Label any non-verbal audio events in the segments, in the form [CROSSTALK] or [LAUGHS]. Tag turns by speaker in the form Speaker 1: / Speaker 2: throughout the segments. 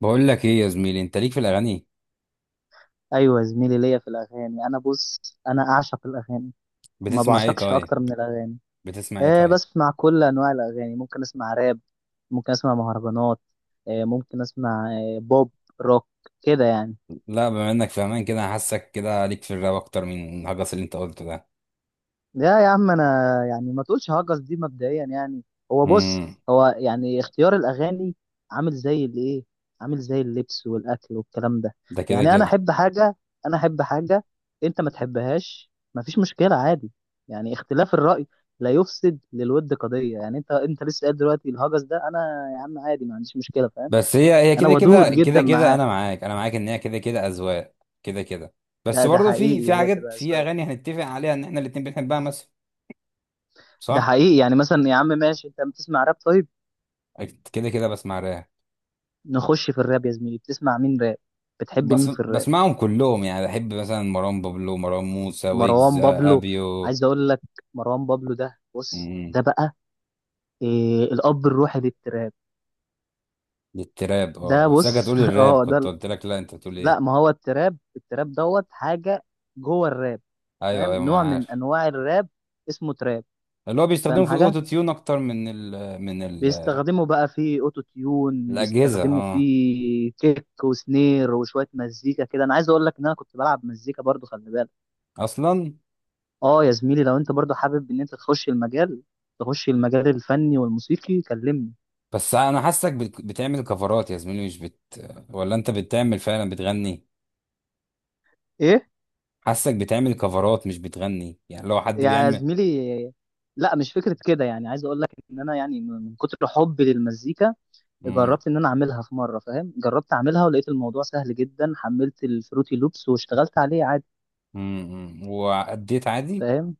Speaker 1: بقول لك ايه يا زميلي، انت ليك في الاغاني؟
Speaker 2: ايوه، زميلي، ليا في الاغاني. انا بص انا اعشق الاغاني، ما
Speaker 1: بتسمع ايه
Speaker 2: بعشقش
Speaker 1: طيب؟
Speaker 2: اكتر من الاغاني.
Speaker 1: بتسمع ايه طيب؟
Speaker 2: بسمع كل انواع الاغاني، ممكن اسمع راب، ممكن اسمع مهرجانات، ممكن اسمع بوب، روك، كده يعني.
Speaker 1: لا، بما انك فاهمان كده حاسك كده ليك في الراب اكتر من الهجس اللي انت قلته ده.
Speaker 2: لا يا عم، انا يعني ما تقولش هجس دي مبدئيا يعني. هو بص،
Speaker 1: امم.
Speaker 2: هو يعني اختيار الاغاني، عامل زي الايه عامل زي اللبس والاكل والكلام ده.
Speaker 1: ده كده
Speaker 2: يعني انا
Speaker 1: كده.
Speaker 2: احب حاجه انا احب حاجه انت ما تحبهاش ما فيش مشكله، عادي. يعني اختلاف الراي لا يفسد للود قضيه. يعني انت لسه قايل دلوقتي الهجس ده، انا يا عم عادي ما عنديش مشكله، فاهم؟
Speaker 1: بس هي
Speaker 2: انا
Speaker 1: كده
Speaker 2: ودود
Speaker 1: كده كده
Speaker 2: جدا
Speaker 1: كده
Speaker 2: معاه.
Speaker 1: انا معاك انا معاك ان هي كده كده اذواق. كده كده.
Speaker 2: ده
Speaker 1: بس
Speaker 2: ده
Speaker 1: برضه في
Speaker 2: حقيقي،
Speaker 1: في
Speaker 2: هي
Speaker 1: حاجات
Speaker 2: تبقى
Speaker 1: في
Speaker 2: اذواق.
Speaker 1: اغاني هنتفق عليها ان احنا الاتنين بنحبها مثلا.
Speaker 2: ده
Speaker 1: صح.
Speaker 2: حقيقي. يعني مثلا يا عم ماشي، انت بتسمع راب طيب؟
Speaker 1: أكيد كده كده بسمع راب.
Speaker 2: نخش في الراب يا زميلي، بتسمع مين راب؟ بتحب
Speaker 1: بس
Speaker 2: مين في الراب؟
Speaker 1: بسمعهم كلهم يعني بحب مثلا مروان بابلو مروان موسى ويجز
Speaker 2: مروان بابلو،
Speaker 1: ابيو.
Speaker 2: عايز اقول لك، مروان بابلو ده بص، ده بقى إيه؟ الاب الروحي للتراب.
Speaker 1: للتراب، اه،
Speaker 2: ده
Speaker 1: بحسك
Speaker 2: بص
Speaker 1: هتقول
Speaker 2: [LAUGHS]
Speaker 1: الراب، كنت قلت لك لا، انت بتقول
Speaker 2: لا،
Speaker 1: ايه؟
Speaker 2: ما هو التراب دوت حاجه جوه الراب،
Speaker 1: ايوه ايوه،
Speaker 2: فاهم؟
Speaker 1: ما انا
Speaker 2: نوع من
Speaker 1: عارف.
Speaker 2: انواع الراب اسمه تراب.
Speaker 1: اللي هو بيستخدمه
Speaker 2: فاهم
Speaker 1: في
Speaker 2: حاجه؟
Speaker 1: الاوتو تيون اكتر من ال.
Speaker 2: بيستخدموا بقى في اوتو تيون،
Speaker 1: الاجهزه،
Speaker 2: بيستخدموا في
Speaker 1: اه.
Speaker 2: كيك وسنير وشويه مزيكا كده. انا عايز اقول لك ان انا كنت بلعب مزيكا برضو، خلي بالك.
Speaker 1: اصلا.
Speaker 2: اه يا زميلي، لو انت برضو حابب ان انت تخش المجال، تخش المجال الفني والموسيقي، كلمني.
Speaker 1: بس انا حاسك بتعمل كفرات يا زميلي، مش بت. ولا انت بتعمل فعلا، بتغني؟
Speaker 2: ايه
Speaker 1: حاسك بتعمل كفرات مش بتغني، يعني لو حد
Speaker 2: يا
Speaker 1: بيعمل.
Speaker 2: زميلي؟ لا مش فكرة كده. يعني عايز اقول لك ان انا يعني من كتر حبي للمزيكا
Speaker 1: امم.
Speaker 2: جربت ان انا اعملها في مرة، فاهم؟ جربت اعملها ولقيت الموضوع سهل جدا، حملت الفروتي لوبس واشتغلت عليه عادي،
Speaker 1: واديت عادي.
Speaker 2: فاهم؟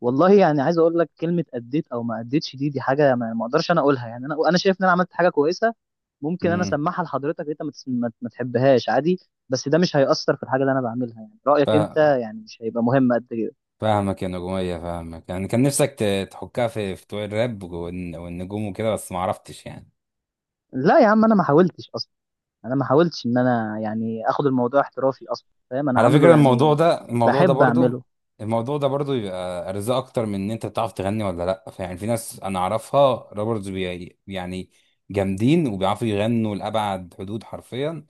Speaker 2: والله يعني عايز اقول لك كلمه، اديت او ما اديتش، دي حاجه ما اقدرش انا اقولها. يعني انا شايف ان انا عملت حاجه كويسه، ممكن انا
Speaker 1: امم.
Speaker 2: اسمعها لحضرتك، انت ما تس- ما- ما تحبهاش عادي، بس ده مش هيأثر في الحاجه اللي انا بعملها. يعني رايك انت
Speaker 1: فا-
Speaker 2: يعني مش هيبقى مهم قد كده.
Speaker 1: فاهمك يا نجومية، فاهمك، يعني كان نفسك تحكها في بتوع الراب والنجوم وكده، بس ما عرفتش يعني.
Speaker 2: لا يا عم، انا ما حاولتش اصلا، انا ما حاولتش ان انا يعني اخد الموضوع احترافي اصلا، فاهم؟ انا
Speaker 1: على
Speaker 2: عامله
Speaker 1: فكرة،
Speaker 2: يعني بحب اعمله.
Speaker 1: الموضوع ده برضو يبقى ارزاق اكتر من ان انت بتعرف تغني ولا لا. فيعني، في ناس انا اعرفها. رابرز، يعني جامدين وبيعرفوا يغنوا لابعد حدود حرفيا.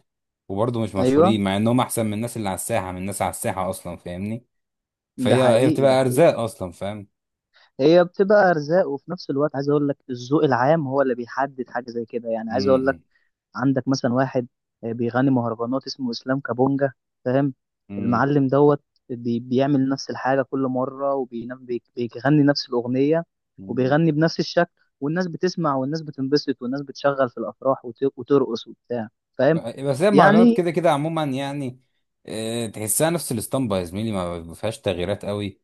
Speaker 1: وبرضو مش
Speaker 2: ايوه،
Speaker 1: مشهورين مع انهم احسن من الناس اللي على الساحة، اصلا، فاهمني.
Speaker 2: ده
Speaker 1: فهي
Speaker 2: حقيقي، ده
Speaker 1: بتبقى
Speaker 2: حقيقي.
Speaker 1: ارزاق اصلا، فاهم.
Speaker 2: هي بتبقى ارزاق، وفي نفس الوقت عايز اقول لك الذوق العام هو اللي بيحدد حاجه زي كده. يعني عايز اقول لك،
Speaker 1: امم.
Speaker 2: عندك مثلا واحد، بيغني مهرجانات اسمه اسلام كابونجا، فاهم؟
Speaker 1: امم.
Speaker 2: المعلم دوت. بيعمل نفس الحاجه كل مره، وبيغني نفس الاغنيه،
Speaker 1: أمم.
Speaker 2: وبيغني بنفس الشكل، والناس بتسمع، والناس بتنبسط، والناس بتشغل في الافراح وترقص وبتاع، فاهم
Speaker 1: بس هي المهرجانات
Speaker 2: يعني؟
Speaker 1: كده كده عموما يعني. تحسها نفس الاسطمبة يا زميلي، ما فيهاش تغييرات قوي.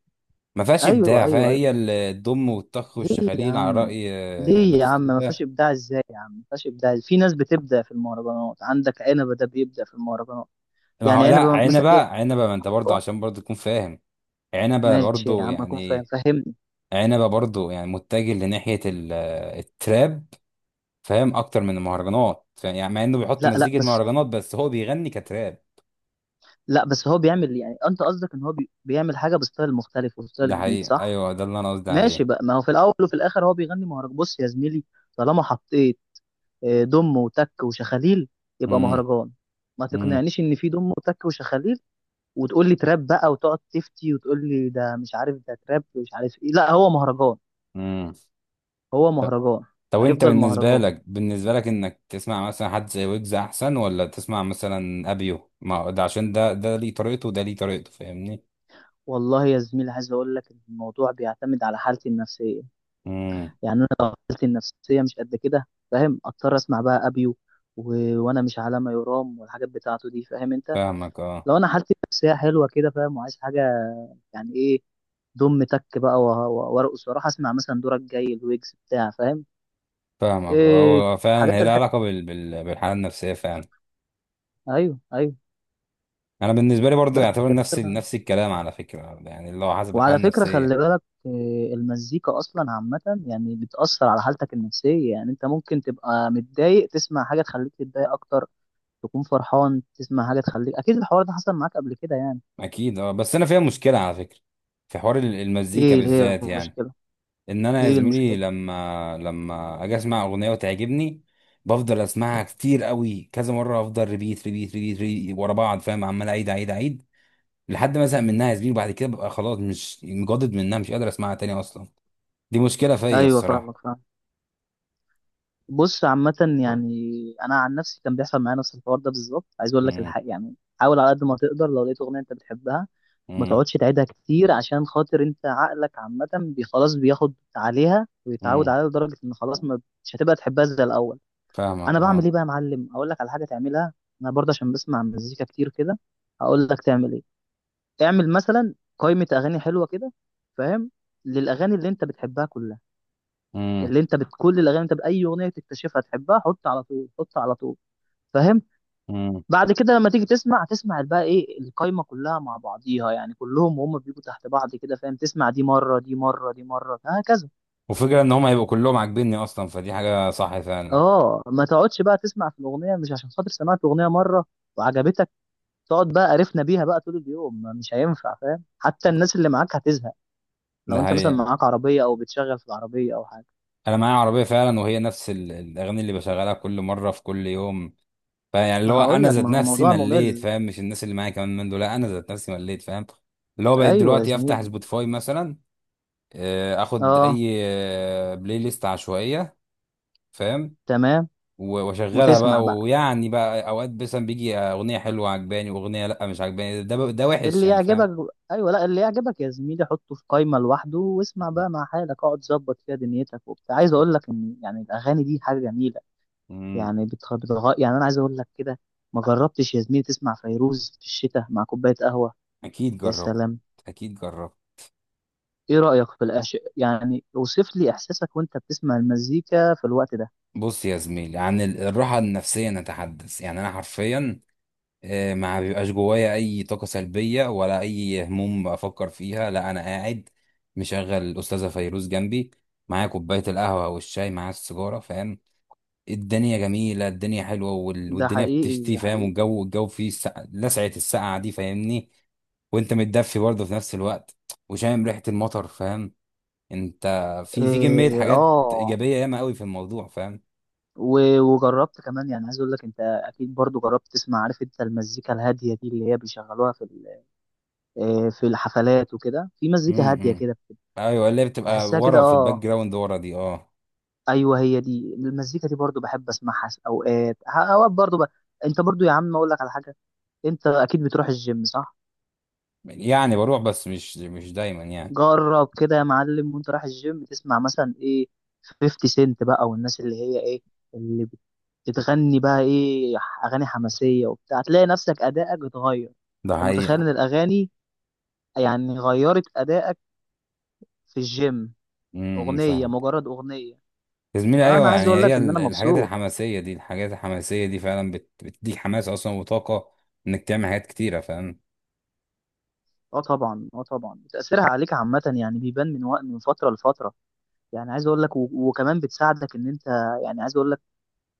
Speaker 1: ما فيهاش
Speaker 2: ايوه،
Speaker 1: ابداع فيها،
Speaker 2: ايوه،
Speaker 1: هي
Speaker 2: ايوه.
Speaker 1: الضم والطخ
Speaker 2: ليه يا
Speaker 1: والشخاليل على
Speaker 2: عم؟
Speaker 1: راي
Speaker 2: ليه يا عم ما
Speaker 1: باتيستوتا.
Speaker 2: فيهاش ابداع؟ ازاي يا عم ما فيهاش ابداع؟ في ناس بتبدا في المهرجانات، عندك عنبه ده بيبدا في المهرجانات.
Speaker 1: ما
Speaker 2: يعني
Speaker 1: هو لا،
Speaker 2: عنبه مثلا
Speaker 1: عنبه
Speaker 2: إيه؟
Speaker 1: عنبه، ما انت برضه عشان برضه تكون فاهم. عنبه
Speaker 2: ماشي يا
Speaker 1: برضه
Speaker 2: عم، اكون فاهم،
Speaker 1: يعني.
Speaker 2: فاهم.
Speaker 1: عنبه برضه يعني متجه لناحيه التراب. فاهم، اكتر من المهرجانات، فاهم؟ يعني مع انه بيحط
Speaker 2: لا لا
Speaker 1: مزيكه
Speaker 2: بس
Speaker 1: مهرجانات بس هو بيغني كتراب.
Speaker 2: لا بس هو بيعمل، يعني انت قصدك ان هو بيعمل حاجه بستايل مختلف وستايل
Speaker 1: ده
Speaker 2: جديد،
Speaker 1: حقيقي،
Speaker 2: صح؟
Speaker 1: ايوه، ده اللي انا قصدي
Speaker 2: ماشي
Speaker 1: عليه.
Speaker 2: بقى. ما هو في الاول وفي الاخر هو بيغني مهرجان. بص يا زميلي، طالما حطيت دم وتك وشخاليل، يبقى
Speaker 1: امم.
Speaker 2: مهرجان. ما
Speaker 1: امم.
Speaker 2: تقنعنيش ان في دم وتك وشخاليل وتقول لي تراب بقى وتقعد تفتي وتقول لي ده مش عارف ده تراب ومش عارف ايه، لا هو مهرجان،
Speaker 1: امم.
Speaker 2: هو مهرجان،
Speaker 1: طب، انت
Speaker 2: هيفضل
Speaker 1: بالنسبة
Speaker 2: مهرجان.
Speaker 1: لك بالنسبة لك انك تسمع مثلا حد زي ويجز احسن، ولا تسمع مثلا ابيو؟ ما هو ده عشان ده ليه طريقته وده ليه طريقته، فاهمني.
Speaker 2: والله يا زميلي، عايز اقول لك ان الموضوع بيعتمد على حالتي النفسيه.
Speaker 1: امم.
Speaker 2: يعني انا لو حالتي النفسيه مش قد كده، فاهم، اضطر اسمع بقى ابيو و... وانا مش على ما يرام، والحاجات بتاعته دي، فاهم انت؟
Speaker 1: فاهمك، اه.
Speaker 2: لو انا حالتي النفسيه حلوه كده، فاهم، وعايز حاجه، يعني ايه، دم تك بقى وارقص واروح اسمع مثلا دورك جاي الويجز بتاع، فاهم؟
Speaker 1: فاهمك، اه،
Speaker 2: إيه،
Speaker 1: هو فعلا،
Speaker 2: حاجات
Speaker 1: هي لها
Speaker 2: الحلوه،
Speaker 1: علاقة بالحالة النفسية فعلا.
Speaker 2: ايوه ايوه.
Speaker 1: انا بالنسبة لي برضه
Speaker 2: بس
Speaker 1: يعتبر نفس نفس
Speaker 2: [LAUGHS]
Speaker 1: الكلام على فكرة، يعني اللي هو حسب الحالة
Speaker 2: وعلى فكره
Speaker 1: النفسية.
Speaker 2: خلي بالك إيه، المزيكا اصلا عامه يعني بتاثر على حالتك النفسيه. يعني انت ممكن تبقى متضايق تسمع حاجه تخليك تتضايق اكتر، تكون فرحان تسمع حاجة تخليك، أكيد الحوار ده حصل معاك قبل كده يعني.
Speaker 1: اكيد، اه، بس انا فيها مشكلة على فكرة. في حوار المزيكا
Speaker 2: إيه اللي هي
Speaker 1: بالذات يعني.
Speaker 2: المشكلة؟
Speaker 1: ان انا يا
Speaker 2: إيه
Speaker 1: زميلي
Speaker 2: المشكلة؟
Speaker 1: لما اجي اسمع اغنيه وتعجبني. بفضل اسمعها كتير قوي، كذا مره، افضل ريبيت ريبيت ريبيت، ريبيت ورا بعض، فاهم، عمال اعيد اعيد اعيد. لحد ما ازهق منها يا زميلي، وبعد كده ببقى خلاص مش مجدد منها، مش قادر اسمعها تاني اصلا. دي مشكله فيا
Speaker 2: أيوه
Speaker 1: الصراحه.
Speaker 2: فاهمك، فاهم. بص، عامة يعني أنا عن نفسي كان بيحصل معايا نفس الحوار ده بالظبط، عايز أقول لك
Speaker 1: امم.
Speaker 2: الحق يعني. حاول على قد ما تقدر لو لقيت أغنية أنت بتحبها ما
Speaker 1: امم.
Speaker 2: تقعدش تعيدها كتير، عشان خاطر أنت عقلك عامة خلاص بياخد عليها ويتعود
Speaker 1: امم.
Speaker 2: عليها لدرجة إن خلاص، ما مش هتبقى تحبها زي الأول.
Speaker 1: فاهمك،
Speaker 2: أنا بعمل إيه
Speaker 1: اه.
Speaker 2: بقى يا معلم؟ أقول لك على حاجة تعملها. أنا برضه عشان بسمع مزيكا كتير كده، هقول لك تعمل إيه. اعمل مثلا قائمة أغاني حلوة كده، فاهم، للأغاني اللي أنت بتحبها كلها،
Speaker 1: امم.
Speaker 2: اللي أنت كل الأغاني، أنت بأي أغنية تكتشفها تحبها حط على طول، حط على طول، فاهم؟
Speaker 1: امم.
Speaker 2: بعد كده لما تيجي تسمع، هتسمع بقى إيه؟ القائمة كلها مع بعضيها، يعني كلهم وهم بيجوا تحت بعض كده، فاهم؟ تسمع دي مرة، دي مرة، دي مرة، هكذا.
Speaker 1: وفكره ان هم هيبقوا كلهم عاجبيني اصلا، فدي حاجه صح فعلا.
Speaker 2: أه ما تقعدش بقى تسمع في الأغنية مش عشان خاطر سمعت أغنية مرة وعجبتك تقعد بقى قرفنا بيها بقى طول اليوم، مش هينفع، فاهم؟ حتى الناس اللي معاك هتزهق. لو
Speaker 1: ده
Speaker 2: أنت مثلا
Speaker 1: حقيقي.
Speaker 2: معاك عربية أو بتشغل في العربية أو حاجة،
Speaker 1: انا معايا عربيه فعلا، وهي نفس الاغاني اللي بشغلها كل مره في كل يوم. فيعني اللي
Speaker 2: ما
Speaker 1: هو
Speaker 2: هقول
Speaker 1: انا
Speaker 2: لك،
Speaker 1: ذات
Speaker 2: ما هو
Speaker 1: نفسي
Speaker 2: الموضوع
Speaker 1: مليت،
Speaker 2: ممل.
Speaker 1: فاهم، مش الناس اللي معايا كمان من دول، لا انا ذات نفسي مليت، فاهم. اللي هو بقيت
Speaker 2: ايوه يا
Speaker 1: دلوقتي افتح
Speaker 2: زميلي.
Speaker 1: سبوتيفاي مثلا. اخد
Speaker 2: اه.
Speaker 1: اي بلاي ليست عشوائيه. فاهم.
Speaker 2: تمام.
Speaker 1: واشغلها
Speaker 2: وتسمع
Speaker 1: بقى،
Speaker 2: بقى
Speaker 1: ويعني بقى اوقات مثلا بيجي اغنيه حلوه عجباني، واغنيه لا مش عجباني، ده وحش
Speaker 2: اللي
Speaker 1: يعني، فاهم.
Speaker 2: يعجبك، ايوه، لا اللي يعجبك يا زميلي حطه في قائمه لوحده واسمع بقى مع حالك، اقعد ظبط فيها دنيتك وبتاع. عايز اقول
Speaker 1: [LAUGHS]
Speaker 2: لك ان يعني الاغاني دي حاجه جميله،
Speaker 1: امم.
Speaker 2: يعني يعني انا عايز اقول لك كده. ما جربتش يا زميلي تسمع فيروز في الشتاء مع كوبايه قهوه؟
Speaker 1: اكيد
Speaker 2: يا
Speaker 1: جربت.
Speaker 2: سلام.
Speaker 1: اكيد جربت.
Speaker 2: ايه رايك في يعني اوصف لي احساسك وانت بتسمع المزيكا في الوقت ده.
Speaker 1: بص يا زميلي، عن الراحه النفسيه نتحدث، يعني انا حرفيا ما بيبقاش جوايا اي طاقه سلبيه ولا اي هموم بفكر فيها، لا انا قاعد مشغل الاستاذه فيروز جنبي. معايا كوبايه القهوه والشاي، معايا السيجاره، فاهم. الدنيا جميله، الدنيا حلوه،
Speaker 2: ده
Speaker 1: والدنيا
Speaker 2: حقيقي،
Speaker 1: بتشتي،
Speaker 2: ده
Speaker 1: فاهم،
Speaker 2: حقيقي.
Speaker 1: والجو فيه السقع، لسعه السقعه دي، فاهمني. وانت متدفي برضه في نفس الوقت. وشامم ريحه المطر، فاهم. انت. في كميه
Speaker 2: إيه،
Speaker 1: حاجات
Speaker 2: اه.
Speaker 1: ايجابيه ياما قوي في الموضوع، فاهم.
Speaker 2: وجربت كمان، يعني عايز اقول لك، انت اكيد برضو جربت تسمع، عارف انت المزيكا الهاديه دي اللي هي بيشغلوها في ال-، في الحفلات وكده، في مزيكا هاديه
Speaker 1: امم.
Speaker 2: كده بت-
Speaker 1: ايوه، اللي هي بتبقى
Speaker 2: تحسها كده،
Speaker 1: ورا في الباك
Speaker 2: اه.
Speaker 1: جراوند ورا دي، اه.
Speaker 2: ايوه، هي دي المزيكا دي برضو بحب اسمعها، اوقات برضو انت برضو يا عم، اقول لك على حاجه، انت اكيد بتروح الجيم، صح؟
Speaker 1: يعني بروح، بس مش دايما يعني.
Speaker 2: جرب كده يا معلم وانت رايح الجيم، تسمع مثلا ايه، 50 سنت بقى، والناس اللي هي ايه، اللي بتغني بقى ايه، اغاني حماسيه وبتاع، هتلاقي نفسك ادائك اتغير.
Speaker 1: ده
Speaker 2: انت متخيل ان
Speaker 1: حقيقة.
Speaker 2: الاغاني يعني غيرت ادائك في الجيم،
Speaker 1: امم.
Speaker 2: اغنيه
Speaker 1: فاهمك.
Speaker 2: مجرد اغنيه؟
Speaker 1: يا زميلي
Speaker 2: فانا
Speaker 1: ايوه،
Speaker 2: عايز
Speaker 1: يعني
Speaker 2: اقول
Speaker 1: هي
Speaker 2: لك ان انا
Speaker 1: الحاجات
Speaker 2: مبسوط.
Speaker 1: الحماسيه دي الحاجات الحماسيه دي فعلا بتديك حماس اصلا وطاقه، انك تعمل حاجات كتيره، فاهم.
Speaker 2: اه طبعا، اه طبعا، تاثيرها عليك عامه يعني بيبان من وقت، من فتره لفتره. يعني عايز اقول لك، و- وكمان بتساعدك ان انت، يعني عايز اقول لك،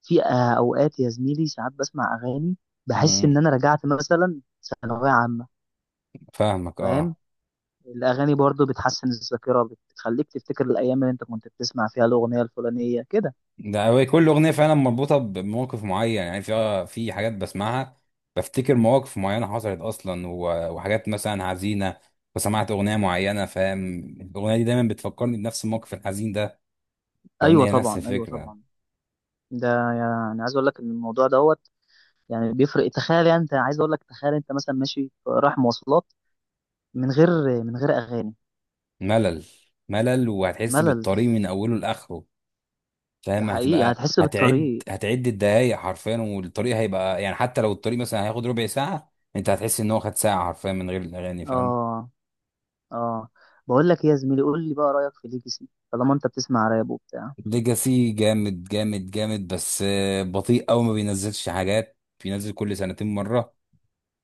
Speaker 2: في اوقات يا زميلي ساعات بسمع اغاني بحس
Speaker 1: مم.
Speaker 2: ان انا رجعت مثلا ثانويه عامه،
Speaker 1: فاهمك، اه.
Speaker 2: فاهم؟ الاغاني برضو بتحسن الذاكره، بتخليك تفتكر الايام اللي انت كنت بتسمع فيها الاغنيه الفلانيه كده.
Speaker 1: ده هو، كل اغنيه فعلا مربوطه بموقف معين، يعني في حاجات بسمعها. بفتكر مواقف معينه حصلت اصلا، وحاجات مثلا حزينه. وسمعت اغنيه معينه، فاهم. الاغنيه دي دايما بتفكرني بنفس الموقف الحزين ده.
Speaker 2: ايوه
Speaker 1: فاهمني، هي نفس
Speaker 2: طبعا، ايوه
Speaker 1: الفكره.
Speaker 2: طبعا. ده يعني عايز اقول لك ان الموضوع دوت يعني بيفرق. تخيل، يعني انت عايز اقول لك تخيل انت مثلا ماشي رايح مواصلات من غير، من غير اغاني،
Speaker 1: ملل. ملل، وهتحس
Speaker 2: ملل.
Speaker 1: بالطريق من اوله لاخره.
Speaker 2: ده
Speaker 1: فاهم،
Speaker 2: حقيقي،
Speaker 1: هتبقى
Speaker 2: هتحس
Speaker 1: هتعد
Speaker 2: بالطريق،
Speaker 1: هتعد الدقايق حرفيا، والطريق هيبقى يعني حتى لو الطريق مثلا هياخد ربع ساعه، انت هتحس ان هو خد ساعه حرفيا من غير الاغاني، فاهم.
Speaker 2: اه، اه. بقول لك ايه يا زميلي، قول لي بقى رايك في ليجاسي طالما انت بتسمع راب وبتاع.
Speaker 1: ليجاسي جامد جامد جامد، بس بطيء قوي، ما بينزلش حاجات. بينزل كل سنتين مره.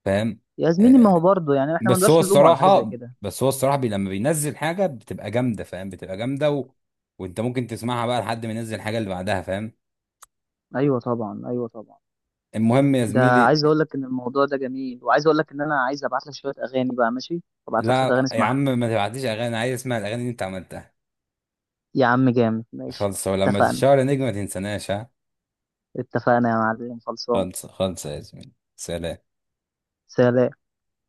Speaker 1: فاهم.
Speaker 2: يا زميلي، ما هو
Speaker 1: آه،
Speaker 2: برضه يعني احنا ما
Speaker 1: بس هو
Speaker 2: نقدرش نلومه على حاجه زي
Speaker 1: الصراحه.
Speaker 2: كده.
Speaker 1: بس هو الصراحه، لما بينزل حاجه بتبقى جامده، فاهم، بتبقى جامده وانت ممكن تسمعها بقى لحد ما ينزل الحاجه اللي بعدها، فاهم.
Speaker 2: ايوه طبعا، ايوه طبعا.
Speaker 1: المهم يا
Speaker 2: ده
Speaker 1: زميلي.
Speaker 2: عايز اقول لك ان الموضوع ده جميل، وعايز اقول لك ان انا عايز ابعت لك شويه اغاني بقى، ماشي؟ ابعت لك شويه اغاني
Speaker 1: لا يا عم،
Speaker 2: اسمعها.
Speaker 1: ما تبعتليش اغاني، أنا عايز اسمع الاغاني اللي انت عملتها.
Speaker 2: يا عم جامد، ماشي.
Speaker 1: خلص، ولما
Speaker 2: اتفقنا،
Speaker 1: تتشهر يا نجم ما تنساناش، ها.
Speaker 2: اتفقنا يا معلم، خلصان.
Speaker 1: خلص خلص يا زميلي، سلام.
Speaker 2: سلام.